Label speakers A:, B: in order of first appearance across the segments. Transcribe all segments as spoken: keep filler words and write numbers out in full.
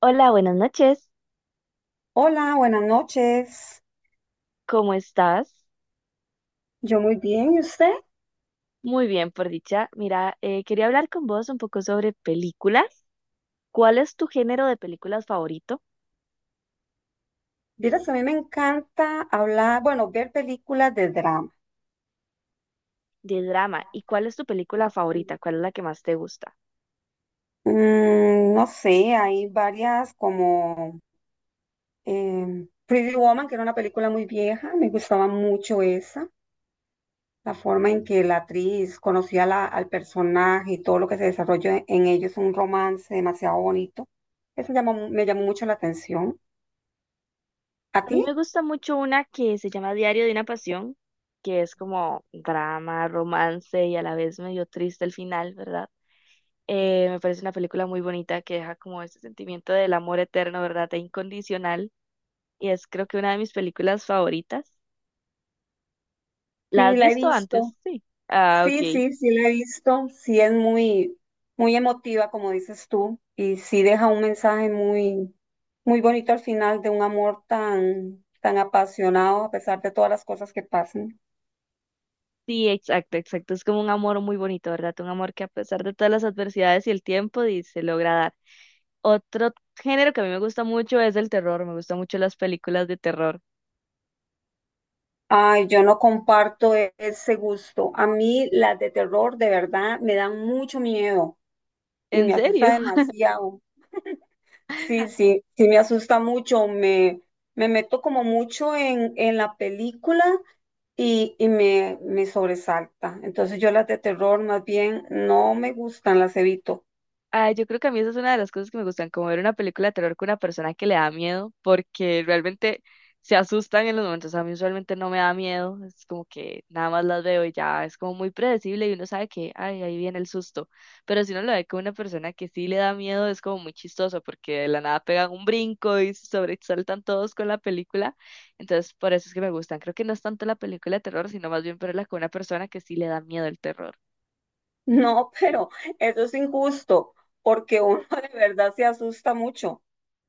A: Hola, buenas noches.
B: Hola, buenas noches.
A: ¿Cómo estás?
B: Yo muy bien, ¿y usted?
A: Muy bien, por dicha. Mira, eh, quería hablar con vos un poco sobre películas. ¿Cuál es tu género de películas favorito?
B: Vieras, a mí me encanta hablar, bueno, ver películas de drama.
A: De drama. ¿Y cuál es tu película favorita? ¿Cuál es la que más te gusta?
B: Mm, no sé, hay varias como eh, Pretty Woman, que era una película muy vieja, me gustaba mucho esa, la forma en que la actriz conocía la- al personaje y todo lo que se desarrolló en, en ellos, un romance demasiado bonito. Eso llamó me llamó mucho la atención. ¿A
A: A
B: ti?
A: mí me gusta mucho una que se llama Diario de una Pasión, que es como drama, romance y a la vez medio triste el final, ¿verdad? Eh, me parece una película muy bonita que deja como ese sentimiento del amor eterno, ¿verdad? E incondicional. Y es creo que una de mis películas favoritas. ¿La
B: Sí,
A: has
B: la he
A: visto antes?
B: visto.
A: Sí. Ah,
B: Sí,
A: ok.
B: sí, sí la he visto, sí es muy, muy emotiva, como dices tú, y sí deja un mensaje muy, muy bonito al final de un amor tan, tan apasionado a pesar de todas las cosas que pasan.
A: Sí, exacto, exacto. Es como un amor muy bonito, ¿verdad? Un amor que a pesar de todas las adversidades y el tiempo, di- se logra dar. Otro género que a mí me gusta mucho es el terror. Me gustan mucho las películas de terror.
B: Ay, yo no comparto e- ese gusto. A mí las de terror de verdad me dan mucho miedo y
A: ¿En
B: me asusta
A: serio?
B: demasiado. Sí, sí, sí me asusta mucho, me, me meto como mucho en, en la película y, y me, me sobresalta. Entonces yo las de terror más bien no me gustan, las evito.
A: Ah, yo creo que a mí esa es una de las cosas que me gustan, como ver una película de terror con una persona que le da miedo, porque realmente se asustan en los momentos. A mí usualmente no me da miedo, es como que nada más las veo y ya es como muy predecible y uno sabe que, ay, ahí viene el susto. Pero si uno lo ve con una persona que sí le da miedo, es como muy chistoso, porque de la nada pegan un brinco y se sobresaltan todos con la película. Entonces, por eso es que me gustan. Creo que no es tanto la película de terror, sino más bien verla con una persona que sí le da miedo el terror.
B: No, pero eso es injusto, porque uno de verdad se asusta mucho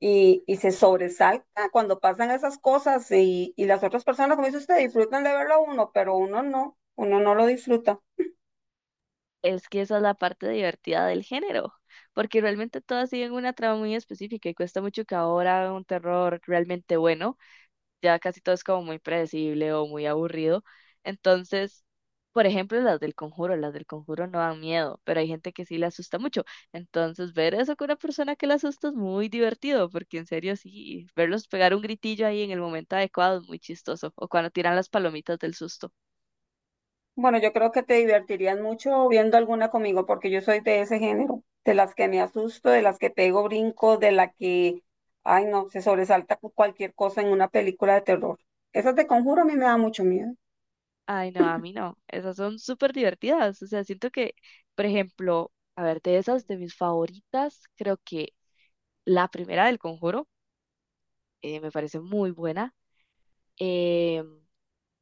B: y, y se sobresalta cuando pasan esas cosas y, y las otras personas, como dice usted, disfrutan de verlo a uno, pero uno no, uno no lo disfruta.
A: Es que esa es la parte divertida del género, porque realmente todas siguen una trama muy específica y cuesta mucho que ahora hagan un terror realmente bueno, ya casi todo es como muy predecible o muy aburrido. Entonces, por ejemplo, las del Conjuro, las del Conjuro no dan miedo, pero hay gente que sí le asusta mucho. Entonces, ver eso con una persona que le asusta es muy divertido, porque en serio sí, verlos pegar un gritillo ahí en el momento adecuado es muy chistoso, o cuando tiran las palomitas del susto.
B: Bueno, yo creo que te divertirías mucho viendo alguna conmigo, porque yo soy de ese género, de las que me asusto, de las que pego brinco, de la que, ay no, se sobresalta con cualquier cosa en una película de terror. Esas de Conjuro a mí me da mucho miedo.
A: Ay, no, a mí no. Esas son súper divertidas. O sea, siento que, por ejemplo, a ver, de esas, de mis favoritas, creo que la primera del Conjuro eh, me parece muy buena. Eh,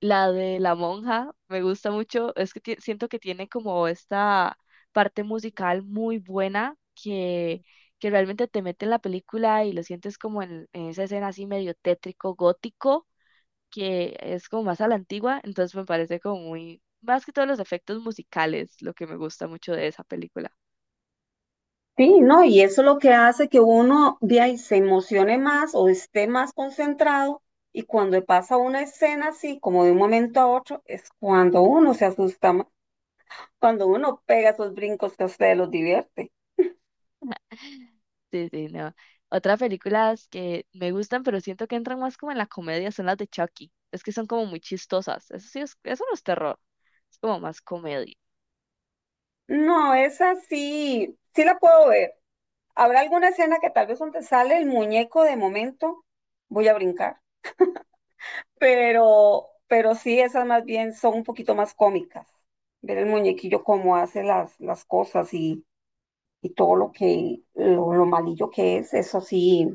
A: la de la monja me gusta mucho. Es que ti- siento que tiene como esta parte musical muy buena que, que realmente te mete en la película y lo sientes como en, en esa escena así medio tétrico, gótico que es como más a la antigua, entonces me parece como muy, más que todos los efectos musicales, lo que me gusta mucho de esa película.
B: Sí, no, y eso es lo que hace que uno de ahí se emocione más o esté más concentrado, y cuando pasa una escena así, como de un momento a otro, es cuando uno se asusta más, cuando uno pega esos brincos que a ustedes los divierte.
A: Sí, sí, no. Otras películas que me gustan, pero siento que entran más como en la comedia, son las de Chucky. Es que son como muy chistosas. Eso sí, es, eso no es terror, es como más comedia.
B: No, esa sí, sí la puedo ver. Habrá alguna escena que tal vez donde sale el muñeco de momento, voy a brincar. Pero, pero sí, esas más bien son un poquito más cómicas. Ver el muñequillo cómo hace las, las cosas y, y todo lo que, lo, lo malillo que es, eso sí,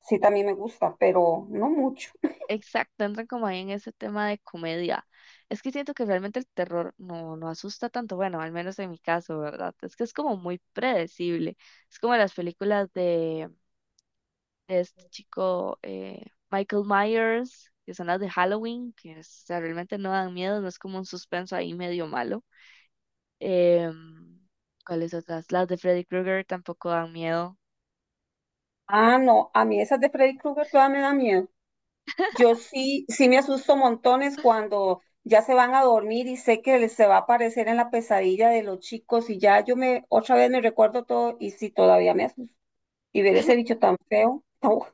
B: sí también me gusta, pero no mucho.
A: Exacto, entran como ahí en ese tema de comedia. Es que siento que realmente el terror no, no asusta tanto, bueno, al menos en mi caso, ¿verdad? Es que es como muy predecible. Es como las películas de de este chico eh, Michael Myers, que son las de Halloween, que es- o sea, realmente no dan miedo, no es como un suspenso ahí medio malo. Em, ¿cuáles otras? Las de Freddy Krueger tampoco dan miedo.
B: Ah, no, a mí esas de Freddy Krueger todas me dan miedo. Yo sí, sí me asusto montones cuando ya se van a dormir y sé que les se va a aparecer en la pesadilla de los chicos y ya yo me otra vez me recuerdo todo y sí todavía me asusto. Y ver ese bicho tan feo, no,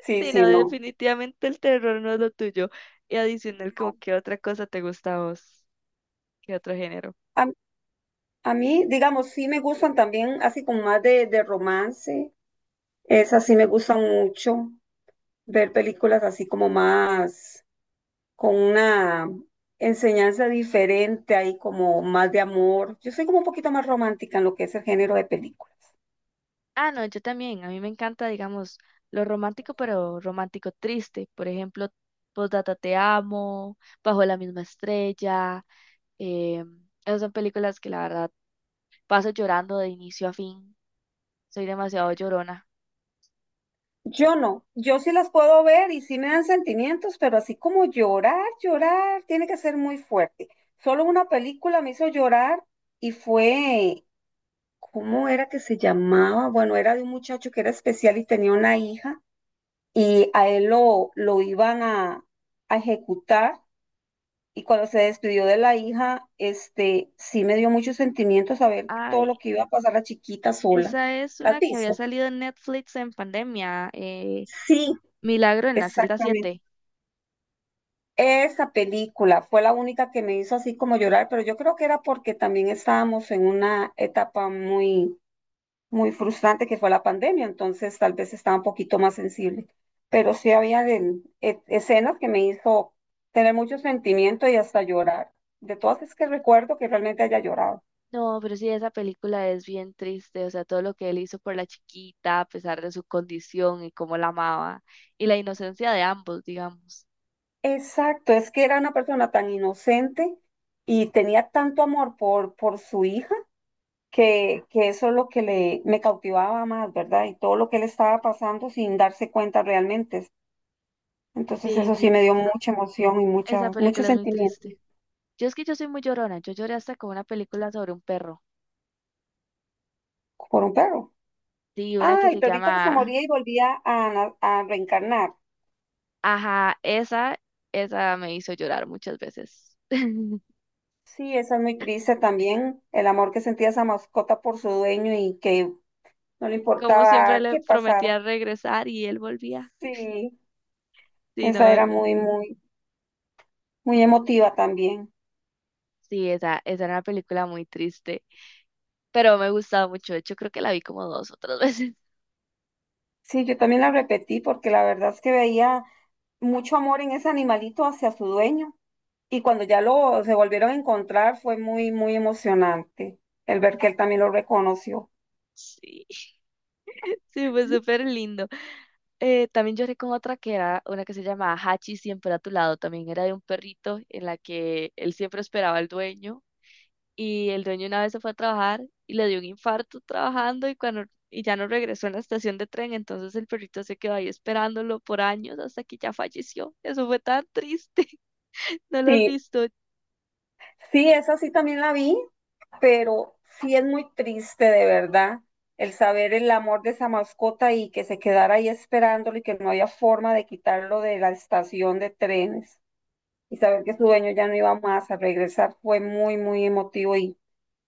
B: sí,
A: Sí, no,
B: sí, no,
A: definitivamente el terror no es lo tuyo. Y adicional, como
B: no.
A: qué otra cosa te gusta a vos, qué otro género.
B: A, a mí, digamos, sí me gustan también así como más de, de romance, esas sí me gustan mucho, ver películas así como más con una enseñanza diferente, ahí como más de amor. Yo soy como un poquito más romántica en lo que es el género de películas.
A: Ah, no, yo también. A mí me encanta, digamos, lo romántico, pero romántico triste. Por ejemplo, Postdata Te Amo, Bajo la misma estrella. Eh, esas son películas que la verdad paso llorando de inicio a fin. Soy demasiado llorona.
B: Yo no, yo sí las puedo ver y sí me dan sentimientos, pero así como llorar, llorar, tiene que ser muy fuerte. Solo una película me hizo llorar y fue, ¿cómo era que se llamaba? Bueno, era de un muchacho que era especial y tenía una hija y a él lo, lo iban a, a ejecutar. Y cuando se despidió de la hija, este, sí me dio mucho sentimiento saber todo
A: Ay,
B: lo que iba a pasar la chiquita sola.
A: esa es
B: ¿La has
A: una que había
B: visto?
A: salido en Netflix en pandemia. eh,
B: Sí,
A: Milagro en la celda
B: exactamente.
A: siete.
B: Esa película fue la única que me hizo así como llorar, pero yo creo que era porque también estábamos en una etapa muy, muy frustrante que fue la pandemia, entonces tal vez estaba un poquito más sensible. Pero sí había de- e- escenas que me hizo tener mucho sentimiento y hasta llorar. De todas es que recuerdo que realmente haya llorado.
A: No, pero sí, esa película es bien triste. O sea, todo lo que él hizo por la chiquita, a pesar de su condición y cómo la amaba. Y la inocencia de ambos, digamos.
B: Exacto, es que era una persona tan inocente y tenía tanto amor por, por su hija que, que eso es lo que le, me cautivaba más, ¿verdad? Y todo lo que le estaba pasando sin darse cuenta realmente. Entonces
A: Sí,
B: eso
A: sí,
B: sí me dio
A: esa,
B: mucha emoción y mucha,
A: esa
B: mucho
A: película es muy
B: sentimiento
A: triste. Yo es que yo soy muy llorona. Yo lloré hasta con una película sobre un perro.
B: por un perro.
A: Sí, una
B: Ah,
A: que
B: el
A: se
B: perrito que se
A: llama.
B: moría y volvía a, na- a reencarnar.
A: Ajá, esa, esa me hizo llorar muchas veces.
B: Sí, esa es muy triste también, el amor que sentía esa mascota por su dueño y que no le
A: Como siempre
B: importaba
A: le
B: qué pasara.
A: prometía regresar y él volvía.
B: Sí,
A: Sí, no,
B: esa era
A: eh,
B: muy, muy, muy emotiva también.
A: sí, esa, esa era una película muy triste, pero me gustaba mucho. De hecho, creo que la vi como dos o tres veces.
B: Sí, yo también la repetí porque la verdad es que veía mucho amor en ese animalito hacia su dueño y cuando ya lo se volvieron a encontrar fue muy, muy emocionante el ver que él también lo reconoció.
A: Sí, sí, fue súper lindo. Eh, también lloré con otra que era una que se llamaba Hachi siempre a tu lado. También era de un perrito en la que él siempre esperaba al dueño y el dueño una vez se fue a trabajar y le dio un infarto trabajando y cuando y ya no regresó en la estación de tren, entonces el perrito se quedó ahí esperándolo por años hasta que ya falleció. Eso fue tan triste. ¿No lo has
B: Sí,
A: visto?
B: sí, esa sí también la vi, pero sí es muy triste de verdad el saber el amor de esa mascota y que se quedara ahí esperándolo y que no había forma de quitarlo de la estación de trenes, y saber que su
A: Sí,
B: dueño ya no iba más a regresar fue muy, muy emotivo y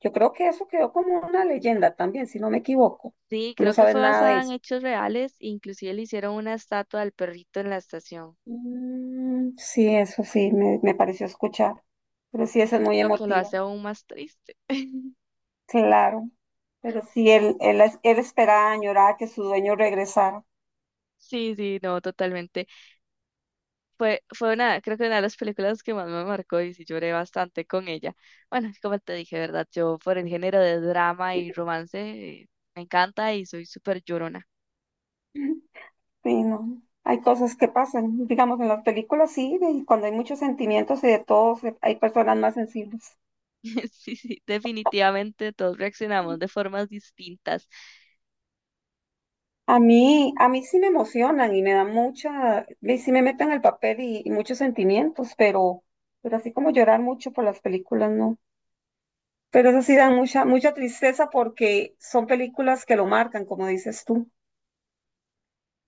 B: yo creo que eso quedó como una leyenda también, si no me equivoco.
A: sí,
B: No
A: creo que
B: sabes
A: fue
B: nada de
A: basada en
B: eso.
A: hechos reales, inclusive le hicieron una estatua al perrito en la estación,
B: Mm, sí, eso sí, me, me pareció escuchar, pero sí, eso es muy
A: lo que lo hace
B: emotivo,
A: aún más triste.
B: claro. Pero sí, él, él, es- él esperaba, añoraba que su dueño regresara.
A: Sí, sí, no, totalmente. Fue, fue una, creo que una de las películas que más me marcó y sí lloré bastante con ella. Bueno, como te dije, ¿verdad? Yo por el género de drama y romance eh, me encanta y soy súper llorona.
B: Ujú. Sí, no. Hay cosas que pasan, digamos, en las películas sí, y cuando hay muchos sentimientos y de todos, eh, hay personas más sensibles.
A: Sí, sí, definitivamente todos reaccionamos de formas distintas.
B: A mí, a mí sí me emocionan y me da mucha, y sí me meten el papel y, y muchos sentimientos, pero, pero así como llorar mucho por las películas, no. Pero eso sí dan mucha, mucha tristeza porque son películas que lo marcan, como dices tú.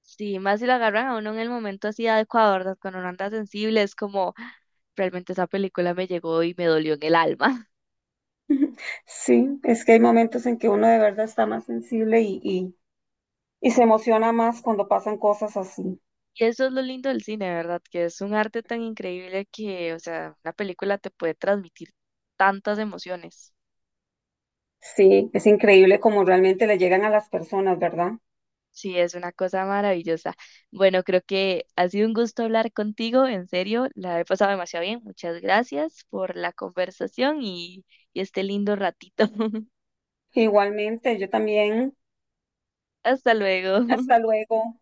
A: Sí, más si lo agarran a uno en el momento así adecuado, ¿verdad? Cuando uno anda sensible, es como "Ah, realmente esa película me llegó y me dolió en el alma".
B: Sí, es que hay momentos en que uno de verdad está más sensible y, y, y se emociona más cuando pasan cosas así.
A: Y eso es lo lindo del cine, ¿verdad? Que es un arte tan increíble que, o sea, una película te puede transmitir tantas emociones.
B: Sí, es increíble como realmente le llegan a las personas, ¿verdad?
A: Sí, es una cosa maravillosa. Bueno, creo que ha sido un gusto hablar contigo, en serio, la he pasado demasiado bien. Muchas gracias por la conversación y, y este lindo ratito.
B: Igualmente, yo también.
A: Hasta luego.
B: Hasta luego.